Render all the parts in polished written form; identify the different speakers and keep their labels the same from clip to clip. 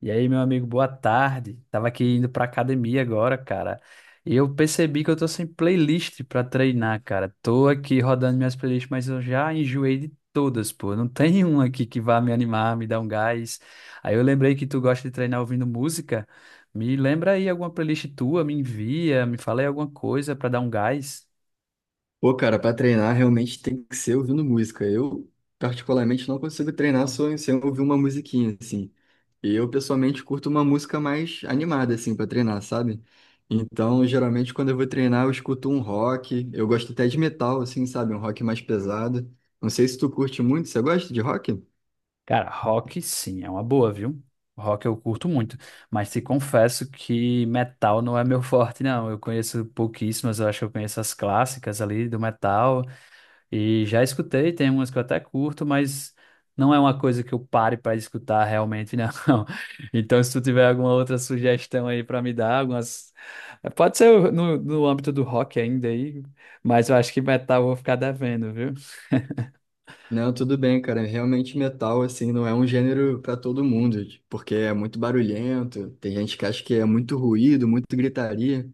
Speaker 1: E aí, meu amigo, boa tarde. Tava aqui indo pra academia agora, cara. E eu percebi que eu tô sem playlist pra treinar, cara. Tô aqui rodando minhas playlists, mas eu já enjoei de todas, pô. Não tem uma aqui que vá me animar, me dar um gás. Aí eu lembrei que tu gosta de treinar ouvindo música. Me lembra aí alguma playlist tua, me envia, me fala aí alguma coisa pra dar um gás.
Speaker 2: Pô, cara, pra treinar realmente tem que ser ouvindo música. Eu, particularmente, não consigo treinar só sem ouvir uma musiquinha, assim. E eu, pessoalmente, curto uma música mais animada, assim, pra treinar, sabe? Então, geralmente, quando eu vou treinar, eu escuto um rock. Eu gosto até de metal, assim, sabe? Um rock mais pesado. Não sei se tu curte muito. Você gosta de rock?
Speaker 1: Cara, rock sim, é uma boa, viu? Rock eu curto muito, mas te confesso que metal não é meu forte, não. Eu conheço pouquíssimas, eu acho que eu conheço as clássicas ali do metal e já escutei, tem umas que eu até curto, mas não é uma coisa que eu pare para escutar realmente, não. Então, se tu tiver alguma outra sugestão aí para me dar, algumas. Pode ser no âmbito do rock ainda aí, mas eu acho que metal eu vou ficar devendo, viu?
Speaker 2: Não, tudo bem, cara. Realmente metal, assim, não é um gênero pra todo mundo, porque é muito barulhento, tem gente que acha que é muito ruído, muito gritaria.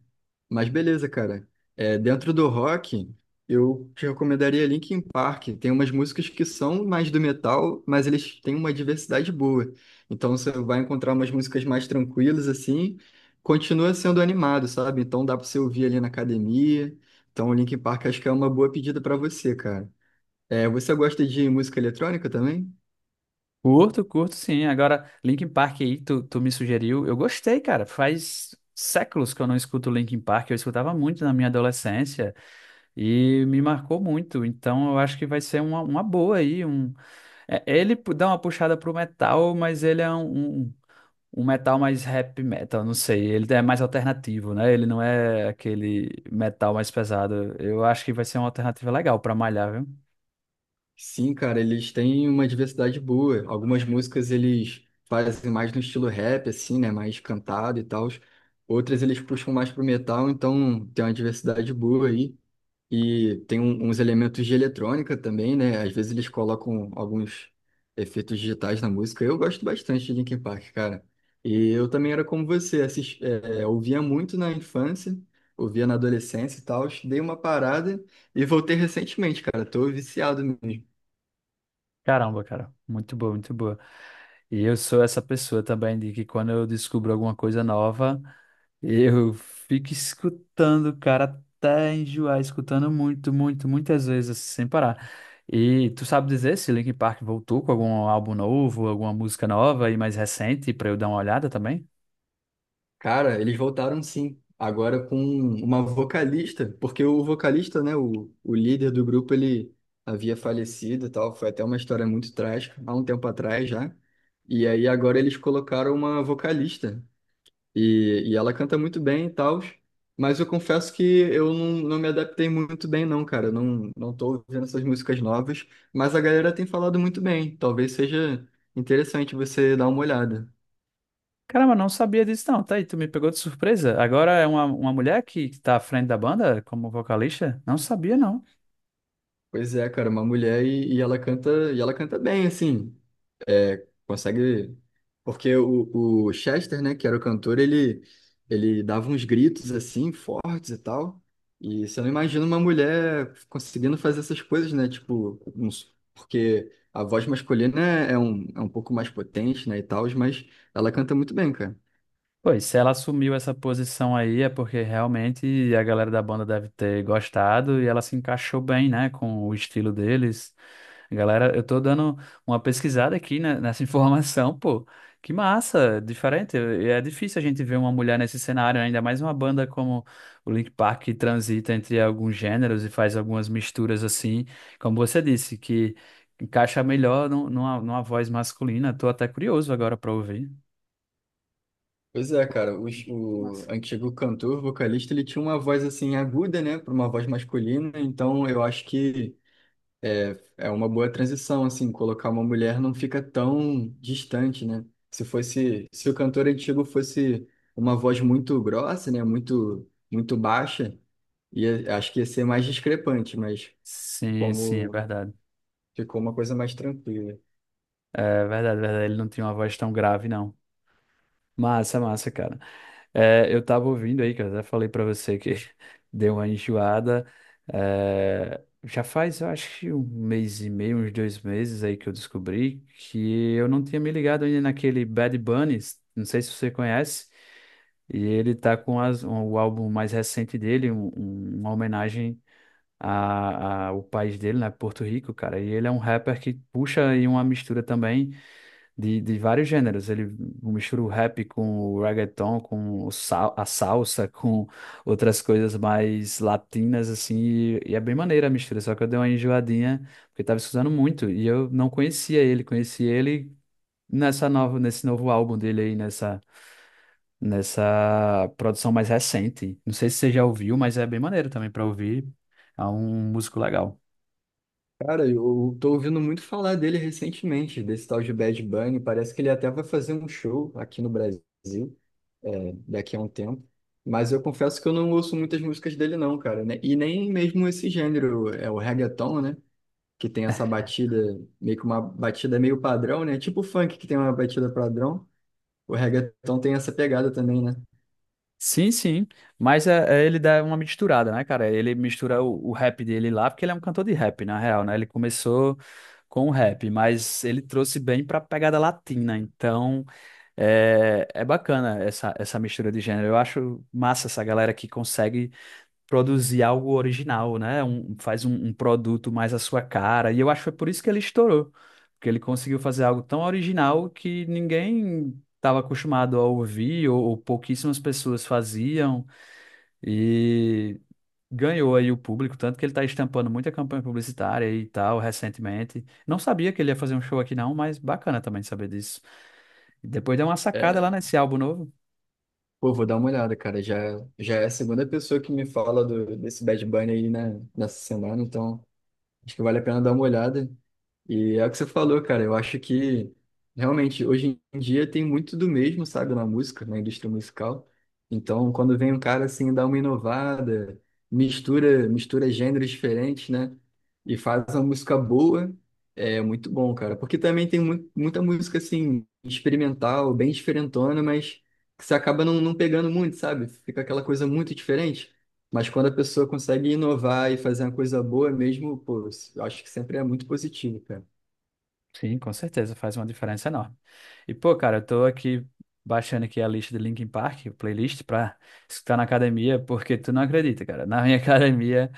Speaker 2: Mas beleza, cara. É, dentro do rock, eu te recomendaria Linkin Park. Tem umas músicas que são mais do metal, mas eles têm uma diversidade boa. Então você vai encontrar umas músicas mais tranquilas, assim, continua sendo animado, sabe? Então dá pra você ouvir ali na academia. Então o Linkin Park acho que é uma boa pedida pra você, cara. É, você gosta de música eletrônica também?
Speaker 1: Curto, curto, sim. Agora, Linkin Park aí, tu me sugeriu. Eu gostei, cara. Faz séculos que eu não escuto Linkin Park. Eu escutava muito na minha adolescência e me marcou muito. Então, eu acho que vai ser uma boa aí. É, ele dá uma puxada pro metal, mas ele é um metal mais rap metal, não sei. Ele é mais alternativo, né? Ele não é aquele metal mais pesado. Eu acho que vai ser uma alternativa legal pra malhar, viu?
Speaker 2: Sim, cara, eles têm uma diversidade boa. Algumas músicas eles fazem mais no estilo rap, assim, né? Mais cantado e tal. Outras eles puxam mais pro metal, então tem uma diversidade boa aí. E tem uns elementos de eletrônica também, né? Às vezes eles colocam alguns efeitos digitais na música. Eu gosto bastante de Linkin Park, cara. E eu também era como você, ouvia muito na infância, ouvia na adolescência e tal. Dei uma parada e voltei recentemente, cara. Tô viciado mesmo.
Speaker 1: Caramba, cara, muito boa, muito boa. E eu sou essa pessoa também de que quando eu descubro alguma coisa nova, eu fico escutando, cara, até enjoar, escutando muito, muito, muitas vezes, assim, sem parar. E tu sabe dizer se Linkin Park voltou com algum álbum novo, alguma música nova e mais recente pra eu dar uma olhada também?
Speaker 2: Cara, eles voltaram sim, agora com uma vocalista, porque o vocalista, né, o líder do grupo, ele havia falecido e tal, foi até uma história muito trágica, há um tempo atrás já, e aí agora eles colocaram uma vocalista, e ela canta muito bem e tal, mas eu confesso que eu não, não me adaptei muito bem não, cara, eu não, não tô ouvindo essas músicas novas, mas a galera tem falado muito bem, talvez seja interessante você dar uma olhada.
Speaker 1: Caramba, não sabia disso não, tá aí, tu me pegou de surpresa. Agora é uma mulher que tá à frente da banda como vocalista? Não sabia, não.
Speaker 2: Pois é, cara, uma mulher e ela canta bem, assim, é, consegue, porque o Chester, né, que era o cantor, ele dava uns gritos, assim, fortes e tal, e você não imagina uma mulher conseguindo fazer essas coisas, né, tipo, porque a voz masculina é, é um pouco mais potente, né, e tal, mas ela canta muito bem, cara.
Speaker 1: Pois, se ela assumiu essa posição aí, é porque realmente a galera da banda deve ter gostado e ela se encaixou bem, né, com o estilo deles. Galera, eu tô dando uma pesquisada aqui, né, nessa informação, pô. Que massa, diferente. É difícil a gente ver uma mulher nesse cenário, né? Ainda mais uma banda como o Linkin Park que transita entre alguns gêneros e faz algumas misturas assim, como você disse, que encaixa melhor numa voz masculina. Tô até curioso agora pra ouvir.
Speaker 2: Pois é, cara, o
Speaker 1: Massa.
Speaker 2: antigo cantor, vocalista, ele tinha uma voz, assim, aguda, né, para uma voz masculina, então eu acho que é uma boa transição, assim, colocar uma mulher não fica tão distante, né? Se fosse, se o cantor antigo fosse uma voz muito grossa, né? Muito, muito baixa, ia, acho que ia ser mais discrepante, mas
Speaker 1: Sim, sim, é
Speaker 2: como
Speaker 1: verdade.
Speaker 2: ficou uma coisa mais tranquila.
Speaker 1: É verdade, é verdade. Ele não tinha uma voz tão grave, não. Massa, massa, cara. É, eu tava ouvindo aí, que eu até falei pra você que deu uma enjoada. É, já faz, eu acho que um mês e meio, uns dois meses aí que eu descobri que eu não tinha me ligado ainda naquele Bad Bunny. Não sei se você conhece. E ele tá com o álbum mais recente dele, uma homenagem o país dele, né? Porto Rico, cara. E ele é um rapper que puxa aí uma mistura também de vários gêneros. Ele mistura o rap com o reggaeton, com o sal, a salsa, com outras coisas mais latinas, assim. E é bem maneira a mistura, só que eu dei uma enjoadinha, porque eu tava escutando muito. E eu não conhecia ele, conheci ele nesse novo álbum dele aí, nessa. Nessa produção mais recente. Não sei se você já ouviu, mas é bem maneiro também para ouvir. É um músico legal.
Speaker 2: Cara, eu tô ouvindo muito falar dele recentemente, desse tal de Bad Bunny. Parece que ele até vai fazer um show aqui no Brasil, é, daqui a um tempo. Mas eu confesso que eu não ouço muitas músicas dele não, cara, né? E nem mesmo esse gênero, é o reggaeton, né? Que tem essa batida, meio que uma batida meio padrão, né? Tipo o funk que tem uma batida padrão, o reggaeton tem essa pegada também, né?
Speaker 1: Sim, sim. Mas é, é- ele dá uma misturada, né, cara? Ele mistura o rap dele lá, porque ele é um cantor de rap, na real, né? Ele começou com o rap, mas ele trouxe bem pra pegada latina. Então, é, é bacana essa mistura de gênero. Eu acho massa essa galera que consegue produzir algo original, né? Faz um produto mais à sua cara. E eu acho que foi por isso que ele estourou, porque ele conseguiu fazer algo tão original que ninguém estava acostumado a ouvir, ou pouquíssimas pessoas faziam, e ganhou aí o público, tanto que ele está estampando muita campanha publicitária e tal recentemente. Não sabia que ele ia fazer um show aqui não, mas bacana também saber disso. E depois deu uma sacada lá
Speaker 2: É,
Speaker 1: nesse álbum novo.
Speaker 2: pô, vou dar uma olhada, cara. Já, já é a segunda pessoa que me fala do, desse Bad Bunny aí, né, nessa semana, então acho que vale a pena dar uma olhada. E é o que você falou, cara. Eu acho que realmente hoje em dia tem muito do mesmo, sabe, na música, na indústria musical. Então, quando vem um cara assim, dá uma inovada, mistura, mistura gêneros diferentes, né? E faz uma música boa, é muito bom, cara. Porque também tem mu muita música assim, experimental, bem diferentona, mas que você acaba não, não pegando muito, sabe? Fica aquela coisa muito diferente. Mas quando a pessoa consegue inovar e fazer uma coisa boa mesmo, pô, eu acho que sempre é muito positivo, cara.
Speaker 1: Sim, com certeza, faz uma diferença enorme. E, pô, cara, eu tô aqui baixando aqui a lista de Linkin Park, playlist, pra escutar na academia, porque tu não acredita, cara. Na minha academia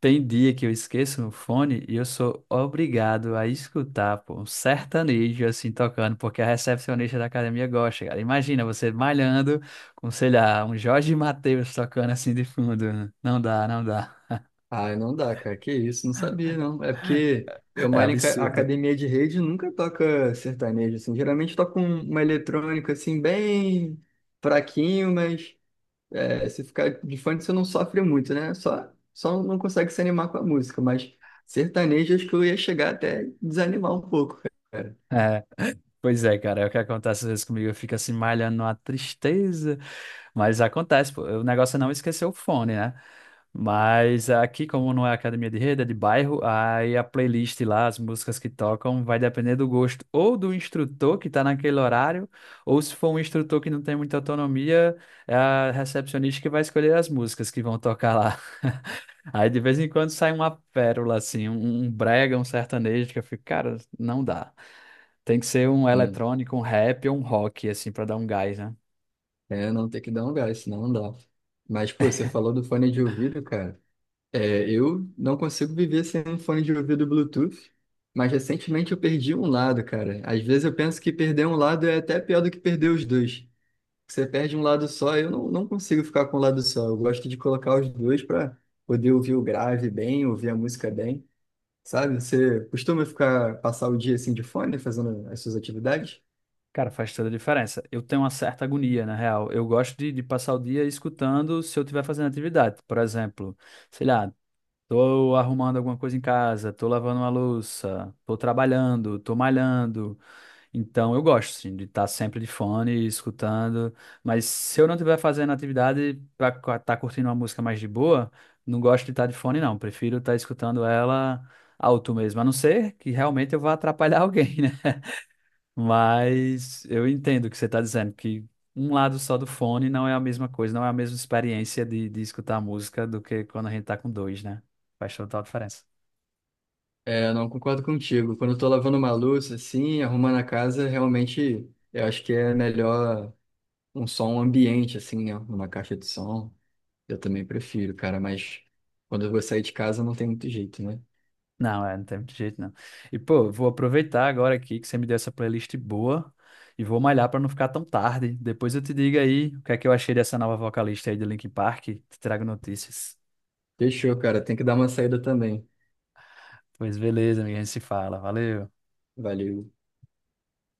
Speaker 1: tem dia que eu esqueço no fone e eu sou obrigado a escutar, pô, um sertanejo assim tocando, porque a recepcionista da academia gosta, cara. Imagina você malhando com, sei lá, um Jorge Mateus tocando assim de fundo. Não dá, não dá.
Speaker 2: Ah, não dá, cara. Que isso? Não sabia, não. É porque eu
Speaker 1: É
Speaker 2: malho em
Speaker 1: absurdo.
Speaker 2: academia de rede e nunca toca sertanejo, assim. Geralmente toca uma eletrônica, assim, bem fraquinho, mas é, se ficar de fone você não sofre muito, né? Só, só não consegue se animar com a música, mas sertanejo acho que eu ia chegar até desanimar um pouco, cara.
Speaker 1: É. Pois é, cara, é o que acontece às vezes comigo, eu fico assim malhando numa tristeza, mas acontece, pô, o negócio é não esquecer o fone, né? Mas aqui, como não é academia de rede, é de bairro, aí a playlist lá, as músicas que tocam, vai depender do gosto ou do instrutor que tá naquele horário, ou se for um instrutor que não tem muita autonomia, é a recepcionista que vai escolher as músicas que vão tocar lá. Aí de vez em quando sai uma pérola, assim, um brega, um sertanejo, que eu fico, cara, não dá. Tem que ser um eletrônico, um rap ou um rock, assim, pra dar um gás, né?
Speaker 2: É, não tem que dar um gás, senão não dá. Mas, pô, você falou do fone de ouvido, cara. É, eu não consigo viver sem um fone de ouvido Bluetooth, mas recentemente eu perdi um lado, cara. Às vezes eu penso que perder um lado é até pior do que perder os dois. Você perde um lado só, eu não, não consigo ficar com um lado só. Eu gosto de colocar os dois para poder ouvir o grave bem, ouvir a música bem, sabe? Você costuma ficar, passar o dia assim de fone, fazendo as suas atividades?
Speaker 1: Cara, faz toda a diferença. Eu tenho uma certa agonia, na real. Eu gosto de passar o dia escutando se eu estiver fazendo atividade. Por exemplo, sei lá, tô arrumando alguma coisa em casa, tô lavando uma louça, tô trabalhando, tô malhando. Então eu gosto, assim, de estar sempre de fone, escutando. Mas se eu não estiver fazendo atividade para estar curtindo uma música mais de boa, não gosto de estar de fone, não. Prefiro estar escutando ela alto mesmo, a não ser que realmente eu vá atrapalhar alguém, né? Mas eu entendo o que você está dizendo, que um lado só do fone não é a mesma coisa, não é a mesma experiência de escutar música do que quando a gente tá com dois, né? Faz total diferença.
Speaker 2: É, não concordo contigo. Quando eu tô lavando uma louça, assim, arrumando a casa, realmente eu acho que é melhor um som um ambiente, assim, né? Uma caixa de som. Eu também prefiro, cara, mas quando eu vou sair de casa não tem muito jeito, né?
Speaker 1: Não, é, não tem muito jeito, não. E, pô, vou aproveitar agora aqui que você me deu essa playlist boa e vou malhar pra não ficar tão tarde. Depois eu te digo aí o que é que eu achei dessa nova vocalista aí do Linkin Park. Te trago notícias.
Speaker 2: Fechou, cara. Tem que dar uma saída também.
Speaker 1: Pois beleza, amiga, a gente se fala. Valeu.
Speaker 2: Valeu.